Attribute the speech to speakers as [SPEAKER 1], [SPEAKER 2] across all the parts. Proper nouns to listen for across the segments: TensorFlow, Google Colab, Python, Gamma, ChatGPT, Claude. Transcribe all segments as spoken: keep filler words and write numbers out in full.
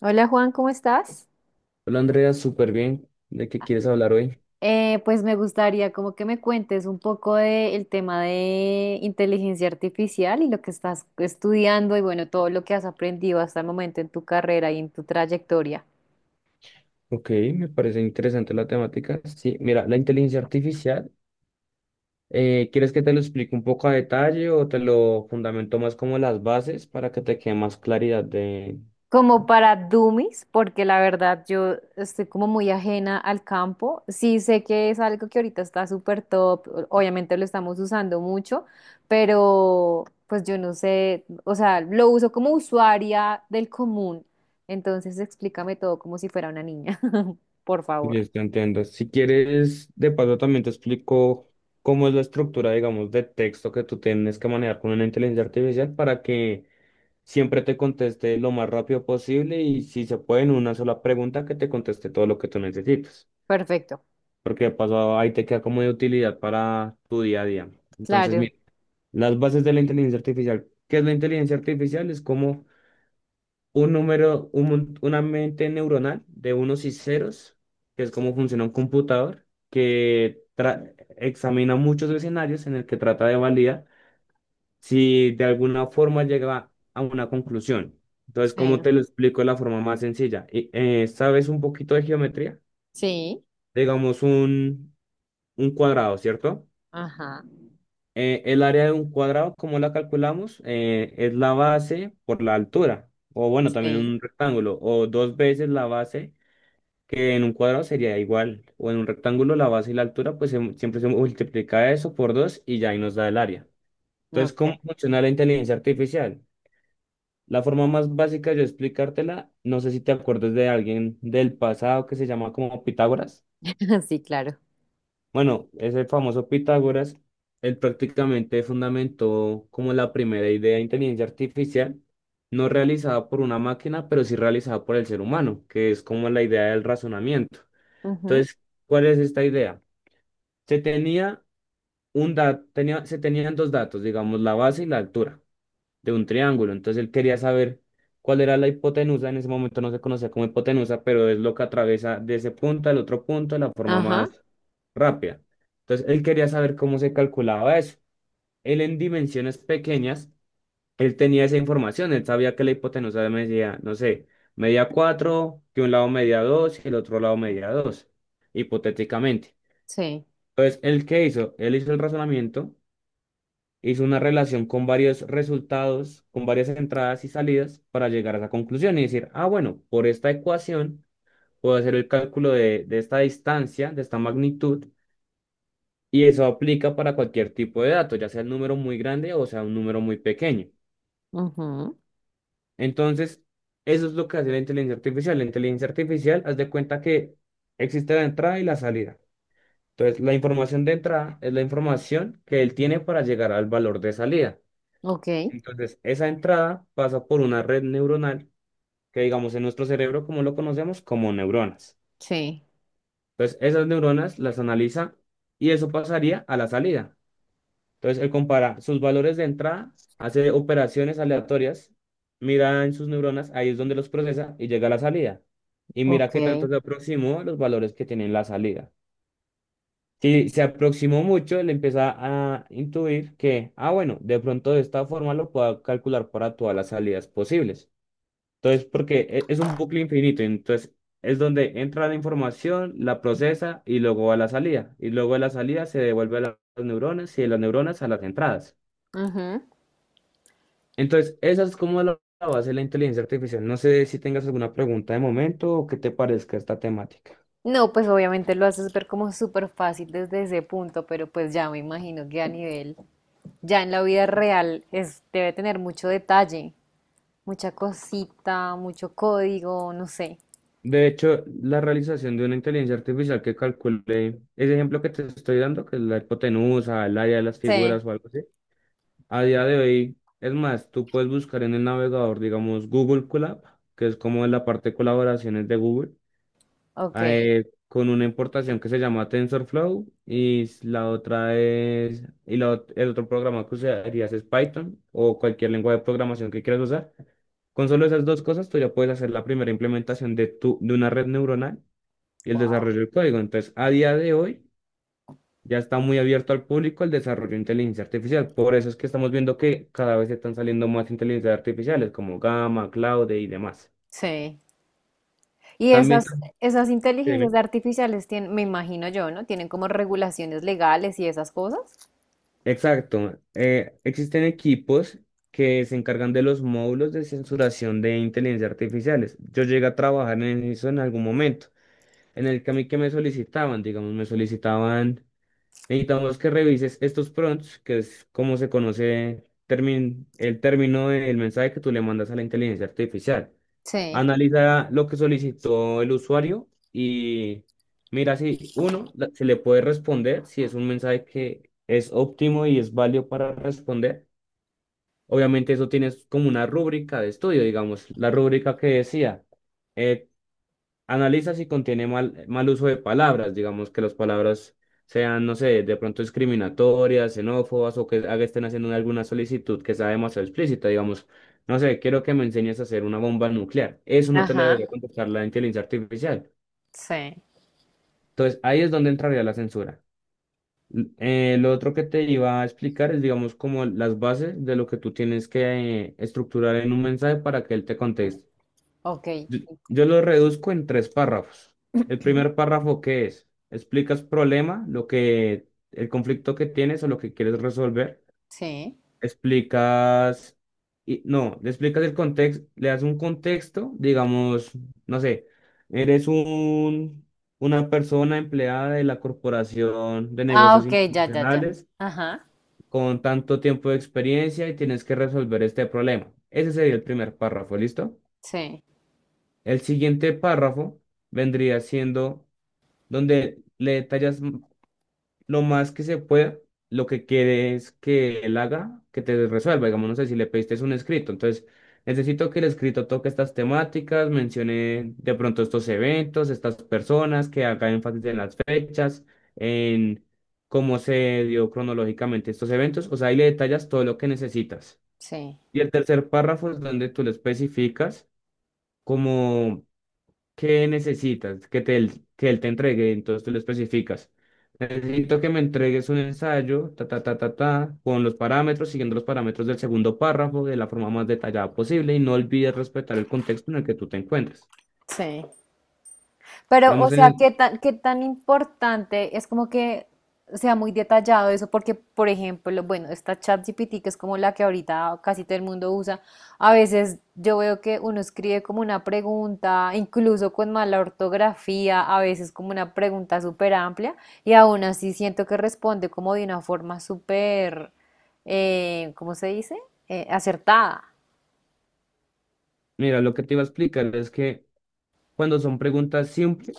[SPEAKER 1] Hola Juan, ¿cómo estás?
[SPEAKER 2] Hola Andrea, súper bien. ¿De qué quieres hablar hoy?
[SPEAKER 1] Eh, pues me gustaría como que me cuentes un poco del tema de inteligencia artificial y lo que estás estudiando y bueno, todo lo que has aprendido hasta el momento en tu carrera y en tu trayectoria.
[SPEAKER 2] Ok, me parece interesante la temática. Sí, mira, la inteligencia artificial, eh, ¿quieres que te lo explique un poco a detalle o te lo fundamento más como las bases para que te quede más claridad de
[SPEAKER 1] Como para dummies, porque la verdad yo estoy como muy ajena al campo. Sí sé que es algo que ahorita está súper top, o- obviamente lo estamos usando mucho, pero pues yo no sé, o sea, lo uso como usuaria del común. Entonces explícame todo como si fuera una niña, por favor.
[SPEAKER 2] de esto entiendo? Si quieres, de paso también te explico cómo es la estructura, digamos, de texto que tú tienes que manejar con una inteligencia artificial para que siempre te conteste lo más rápido posible y si se puede en una sola pregunta que te conteste todo lo que tú necesitas.
[SPEAKER 1] Perfecto,
[SPEAKER 2] Porque de paso ahí te queda como de utilidad para tu día a día. Entonces,
[SPEAKER 1] claro.
[SPEAKER 2] mira, las bases de la inteligencia artificial. ¿Qué es la inteligencia artificial? Es como un número, un mon- una mente neuronal de unos y ceros, que es como funciona un computador, que tra- examina muchos escenarios en el que trata de validar si de alguna forma llega a una conclusión. Entonces,
[SPEAKER 1] Sí.
[SPEAKER 2] ¿cómo te lo explico de la forma más sencilla? Y, eh, ¿sabes un poquito de geometría?
[SPEAKER 1] Sí,
[SPEAKER 2] Digamos un, un cuadrado, ¿cierto?
[SPEAKER 1] ajá,
[SPEAKER 2] Eh, el área de un cuadrado, ¿cómo la calculamos? Eh, es la base por la altura, o bueno, también
[SPEAKER 1] sí,
[SPEAKER 2] un rectángulo, o dos veces la base, que en un cuadrado sería igual, o en un rectángulo la base y la altura, pues se- siempre se multiplica eso por dos y ya ahí nos da el área. Entonces, ¿cómo
[SPEAKER 1] ok.
[SPEAKER 2] funciona la inteligencia artificial? La forma más básica de yo explicártela, no sé si te acuerdas de alguien del pasado que se llama como Pitágoras.
[SPEAKER 1] Sí, claro.
[SPEAKER 2] Bueno, ese famoso Pitágoras, él prácticamente fundamentó como la primera idea de inteligencia artificial, no realizada por una máquina, pero sí realizada por el ser humano, que es como la idea del razonamiento.
[SPEAKER 1] Ujú.
[SPEAKER 2] Entonces, ¿cuál es esta idea? Se tenía un da- tenía, se tenían dos datos, digamos, la base y la altura de un triángulo. Entonces, él quería saber cuál era la hipotenusa. En ese momento no se conocía como hipotenusa, pero es lo que atraviesa de ese punto al otro punto de la forma
[SPEAKER 1] Ajá.
[SPEAKER 2] más rápida. Entonces, él quería saber cómo se calculaba eso. Él en dimensiones pequeñas, él tenía esa información, él sabía que la hipotenusa medía, no sé, medía cuatro, que un lado medía dos y el otro lado medía dos, hipotéticamente.
[SPEAKER 1] Sí,
[SPEAKER 2] Entonces, ¿él qué hizo? Él hizo el razonamiento, hizo una relación con varios resultados, con varias entradas y salidas para llegar a esa conclusión y decir, ah, bueno, por esta ecuación puedo hacer el cálculo de, de esta distancia, de esta magnitud. Y eso aplica para cualquier tipo de dato, ya sea un número muy grande o sea un número muy pequeño.
[SPEAKER 1] ujú.
[SPEAKER 2] Entonces, eso es lo que hace la inteligencia artificial. La inteligencia artificial, haz de cuenta que existe la entrada y la salida. Entonces, la información de entrada es la información que él tiene para llegar al valor de salida.
[SPEAKER 1] Ok,
[SPEAKER 2] Entonces, esa entrada pasa por una red neuronal que, digamos, en nuestro cerebro, como lo conocemos, como neuronas.
[SPEAKER 1] sí.
[SPEAKER 2] Entonces, esas neuronas las analiza y eso pasaría a la salida. Entonces, él compara sus valores de entrada, hace operaciones aleatorias, mira en sus neuronas, ahí es donde los procesa y llega a la salida. Y mira
[SPEAKER 1] Ok.
[SPEAKER 2] qué tanto se aproximó a los valores que tiene en la salida. Si se aproximó mucho, él empieza a intuir que, ah, bueno, de pronto de esta forma lo puedo calcular para todas las salidas posibles. Entonces, porque e- es un bucle infinito, entonces es donde entra la información, la procesa y luego va a la salida. Y luego de la salida se devuelve a la- las neuronas y de las neuronas a las entradas.
[SPEAKER 1] Ujú.
[SPEAKER 2] Entonces, esa es como la la base de la inteligencia artificial. No sé si tengas alguna pregunta de momento o qué te parezca esta temática.
[SPEAKER 1] No, pues obviamente lo haces ver como súper fácil desde ese punto, pero pues ya me imagino que a nivel, ya en la vida real, es, debe tener mucho detalle, mucha cosita, mucho código, no sé.
[SPEAKER 2] De hecho, la realización de una inteligencia artificial que calcule ese ejemplo que te estoy dando, que es la hipotenusa, el área de las
[SPEAKER 1] Sí,
[SPEAKER 2] figuras o algo así, a día de hoy, es más, tú puedes buscar en el navegador, digamos, Google Colab, que es como la parte de colaboraciones de Google.
[SPEAKER 1] ok.
[SPEAKER 2] Ah, eh, con una importación que se llama TensorFlow y s- la otra es, y la ot- el otro programa que usarías es Python o cualquier lengua de programación que quieras usar. Con solo esas dos cosas, tú ya puedes hacer la primera implementación de, tu, de una red neuronal y el
[SPEAKER 1] Wow.
[SPEAKER 2] desarrollo del código. Entonces, a día de hoy, ya está muy abierto al público el desarrollo de inteligencia artificial. Por eso es que estamos viendo que cada vez están saliendo más inteligencias artificiales como Gamma, Claude y demás.
[SPEAKER 1] Sí. Y
[SPEAKER 2] También,
[SPEAKER 1] esas, esas inteligencias artificiales tienen, me imagino yo, ¿no? Tienen como regulaciones legales y esas cosas.
[SPEAKER 2] exacto. Eh, existen equipos que se encargan de los módulos de censuración de inteligencia artificiales. Yo llegué a trabajar en eso en algún momento, en el que a mí que me solicitaban, digamos, me solicitaban. Necesitamos que revises estos prompts, que es como se conoce termin- el término del mensaje que tú le mandas a la inteligencia artificial.
[SPEAKER 1] Sí.
[SPEAKER 2] Analiza lo que solicitó el usuario y mira si uno la- se le puede responder, si es un mensaje que es óptimo y es válido para responder. Obviamente eso tienes como una rúbrica de estudio, digamos, la rúbrica que decía, eh, analiza si contiene mal, mal uso de palabras, digamos que las palabras sean, no sé, de pronto discriminatorias, xenófobas o que haga- estén haciendo alguna solicitud que sea demasiado explícita, digamos, no sé, quiero que me enseñes a hacer una bomba nuclear. Eso no te lo
[SPEAKER 1] Ajá.
[SPEAKER 2] debería contestar la inteligencia artificial.
[SPEAKER 1] Sí.
[SPEAKER 2] Entonces, ahí es donde entraría la censura. L- eh, lo otro que te iba a explicar es, digamos, como las bases de lo que tú tienes que eh, estructurar en un mensaje para que él te conteste.
[SPEAKER 1] Ok. Y
[SPEAKER 2] Yo, yo
[SPEAKER 1] como-
[SPEAKER 2] lo reduzco en tres párrafos. El primer párrafo, ¿qué es? Explicas problema, lo que, el conflicto que tienes o lo que quieres resolver.
[SPEAKER 1] sí.
[SPEAKER 2] Explicas, y, no, Le explicas el contexto, le das un contexto, digamos, no sé, eres un, una persona empleada de la Corporación de
[SPEAKER 1] Ah,
[SPEAKER 2] Negocios
[SPEAKER 1] ok, ya, ya, ya.
[SPEAKER 2] Internacionales
[SPEAKER 1] Ajá.
[SPEAKER 2] con tanto tiempo de experiencia y tienes que resolver este problema. Ese sería el primer párrafo, ¿listo?
[SPEAKER 1] Sí,
[SPEAKER 2] El siguiente párrafo vendría siendo donde le detallas m- lo más que se pueda lo que quieres que él haga, que te resuelva. Digamos, no sé si le pediste es un escrito. Entonces, necesito que el escrito toque estas temáticas, mencione de pronto estos eventos, estas personas, que haga énfasis en las fechas, en cómo se dio cronológicamente estos eventos. O sea, ahí le detallas todo lo que necesitas.
[SPEAKER 1] sí,
[SPEAKER 2] Y el tercer párrafo es donde tú le especificas como ¿qué necesitas? Que, te, que él te entregue, entonces tú lo especificas. Necesito que me entregues un ensayo, ta, ta, ta, ta, ta, con los parámetros, siguiendo los parámetros del segundo párrafo de la forma más detallada posible y no olvides respetar el contexto en el que tú te encuentres.
[SPEAKER 1] sí. Pero, o
[SPEAKER 2] Digamos, en
[SPEAKER 1] sea,
[SPEAKER 2] el-
[SPEAKER 1] ¿qué tan, qué tan importante es como que sea muy detallado eso? Porque, por ejemplo, bueno, esta ChatGPT, que es como la que ahorita casi todo el mundo usa, a veces yo veo que uno escribe como una pregunta, incluso con mala ortografía, a veces como una pregunta súper amplia, y aún así siento que responde como de una forma súper, eh, ¿cómo se dice? Eh, acertada.
[SPEAKER 2] Mira, lo que te iba a explicar es que cuando son preguntas simples,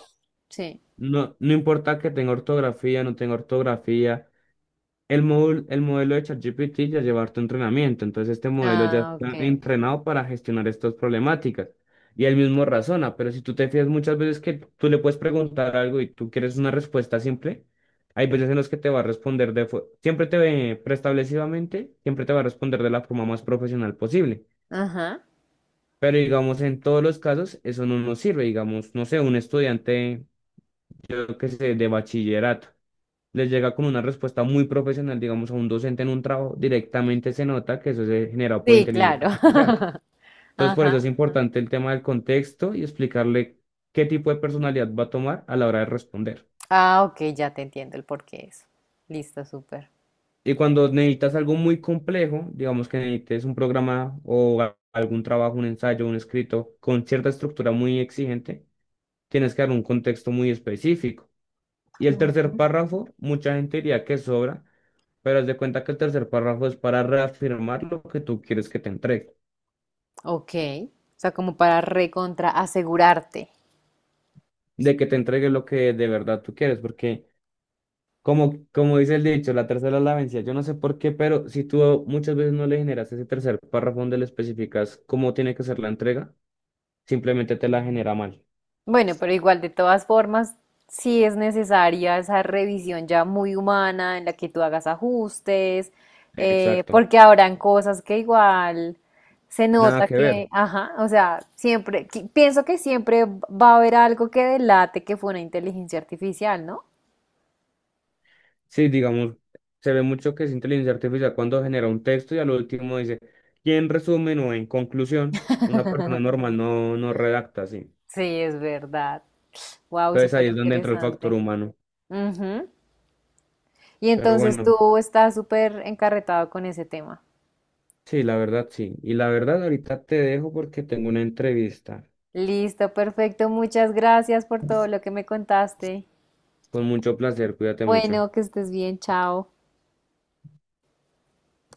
[SPEAKER 1] Sí.
[SPEAKER 2] no, no importa que tenga ortografía, no tenga ortografía. El módulo, el modelo de ChatGPT ya lleva harto entrenamiento, entonces este modelo ya
[SPEAKER 1] Ah,
[SPEAKER 2] está
[SPEAKER 1] ok.
[SPEAKER 2] entrenado para gestionar estas problemáticas. Y él mismo razona, pero si tú te fías muchas veces que tú le puedes preguntar algo y tú quieres una respuesta simple, hay veces en los que te va a responder de, fo- siempre te ve preestablecidamente, siempre te va a responder de la forma más profesional posible.
[SPEAKER 1] Ajá.
[SPEAKER 2] Pero digamos, en todos los casos, eso no nos sirve. Digamos, no sé, un estudiante, yo que sé, de bachillerato les llega con una respuesta muy profesional, digamos, a un docente en un trabajo, directamente se nota que eso se generado por
[SPEAKER 1] Sí,
[SPEAKER 2] inteligencia
[SPEAKER 1] claro.
[SPEAKER 2] artificial. Entonces, por
[SPEAKER 1] Ajá.
[SPEAKER 2] eso es importante el tema del contexto y explicarle qué tipo de personalidad va a tomar a la hora de responder.
[SPEAKER 1] Ah, ok, ya te entiendo el por qué eso. Listo, súper.
[SPEAKER 2] Y cuando necesitas algo muy complejo, digamos que necesites un programa o a- algún trabajo, un ensayo, un escrito con cierta estructura muy exigente, tienes que dar un contexto muy específico. Y el tercer
[SPEAKER 1] Ujú.
[SPEAKER 2] párrafo, mucha gente diría que sobra. Pero haz de cuenta que el tercer párrafo es para reafirmar lo que tú quieres que te entregue,
[SPEAKER 1] Ok. O sea, como para recontra asegurarte.
[SPEAKER 2] de que te entregue lo que de verdad tú quieres, porque como, como dice el dicho, la tercera es la vencida. Yo no sé por qué, pero si tú muchas veces no le generas ese tercer párrafo donde le especificas cómo tiene que ser la entrega, simplemente te la genera mal.
[SPEAKER 1] Bueno, pero igual de todas formas, sí es necesaria esa revisión ya muy humana en la que tú hagas ajustes, eh,
[SPEAKER 2] Exacto.
[SPEAKER 1] porque habrán cosas que igual se
[SPEAKER 2] Nada
[SPEAKER 1] nota
[SPEAKER 2] que ver.
[SPEAKER 1] que, ajá, o sea, siempre, que- pienso que siempre va a haber algo que delate que fue una inteligencia artificial, ¿no?
[SPEAKER 2] Sí, digamos, se ve mucho que es inteligencia artificial cuando genera un texto y al último dice, y en resumen o en conclusión, una persona normal no, no redacta así.
[SPEAKER 1] Sí, es verdad. Wow,
[SPEAKER 2] Entonces ahí
[SPEAKER 1] súper
[SPEAKER 2] es donde entra el factor
[SPEAKER 1] interesante.
[SPEAKER 2] humano.
[SPEAKER 1] Ujú. Y
[SPEAKER 2] Pero
[SPEAKER 1] entonces
[SPEAKER 2] bueno,
[SPEAKER 1] tú estás súper encarretado con ese tema.
[SPEAKER 2] sí, la verdad sí. Y la verdad ahorita te dejo porque tengo una entrevista.
[SPEAKER 1] Listo, perfecto. Muchas gracias por todo lo que me contaste.
[SPEAKER 2] Con mucho placer, cuídate mucho.
[SPEAKER 1] Bueno, que estés bien. Chao.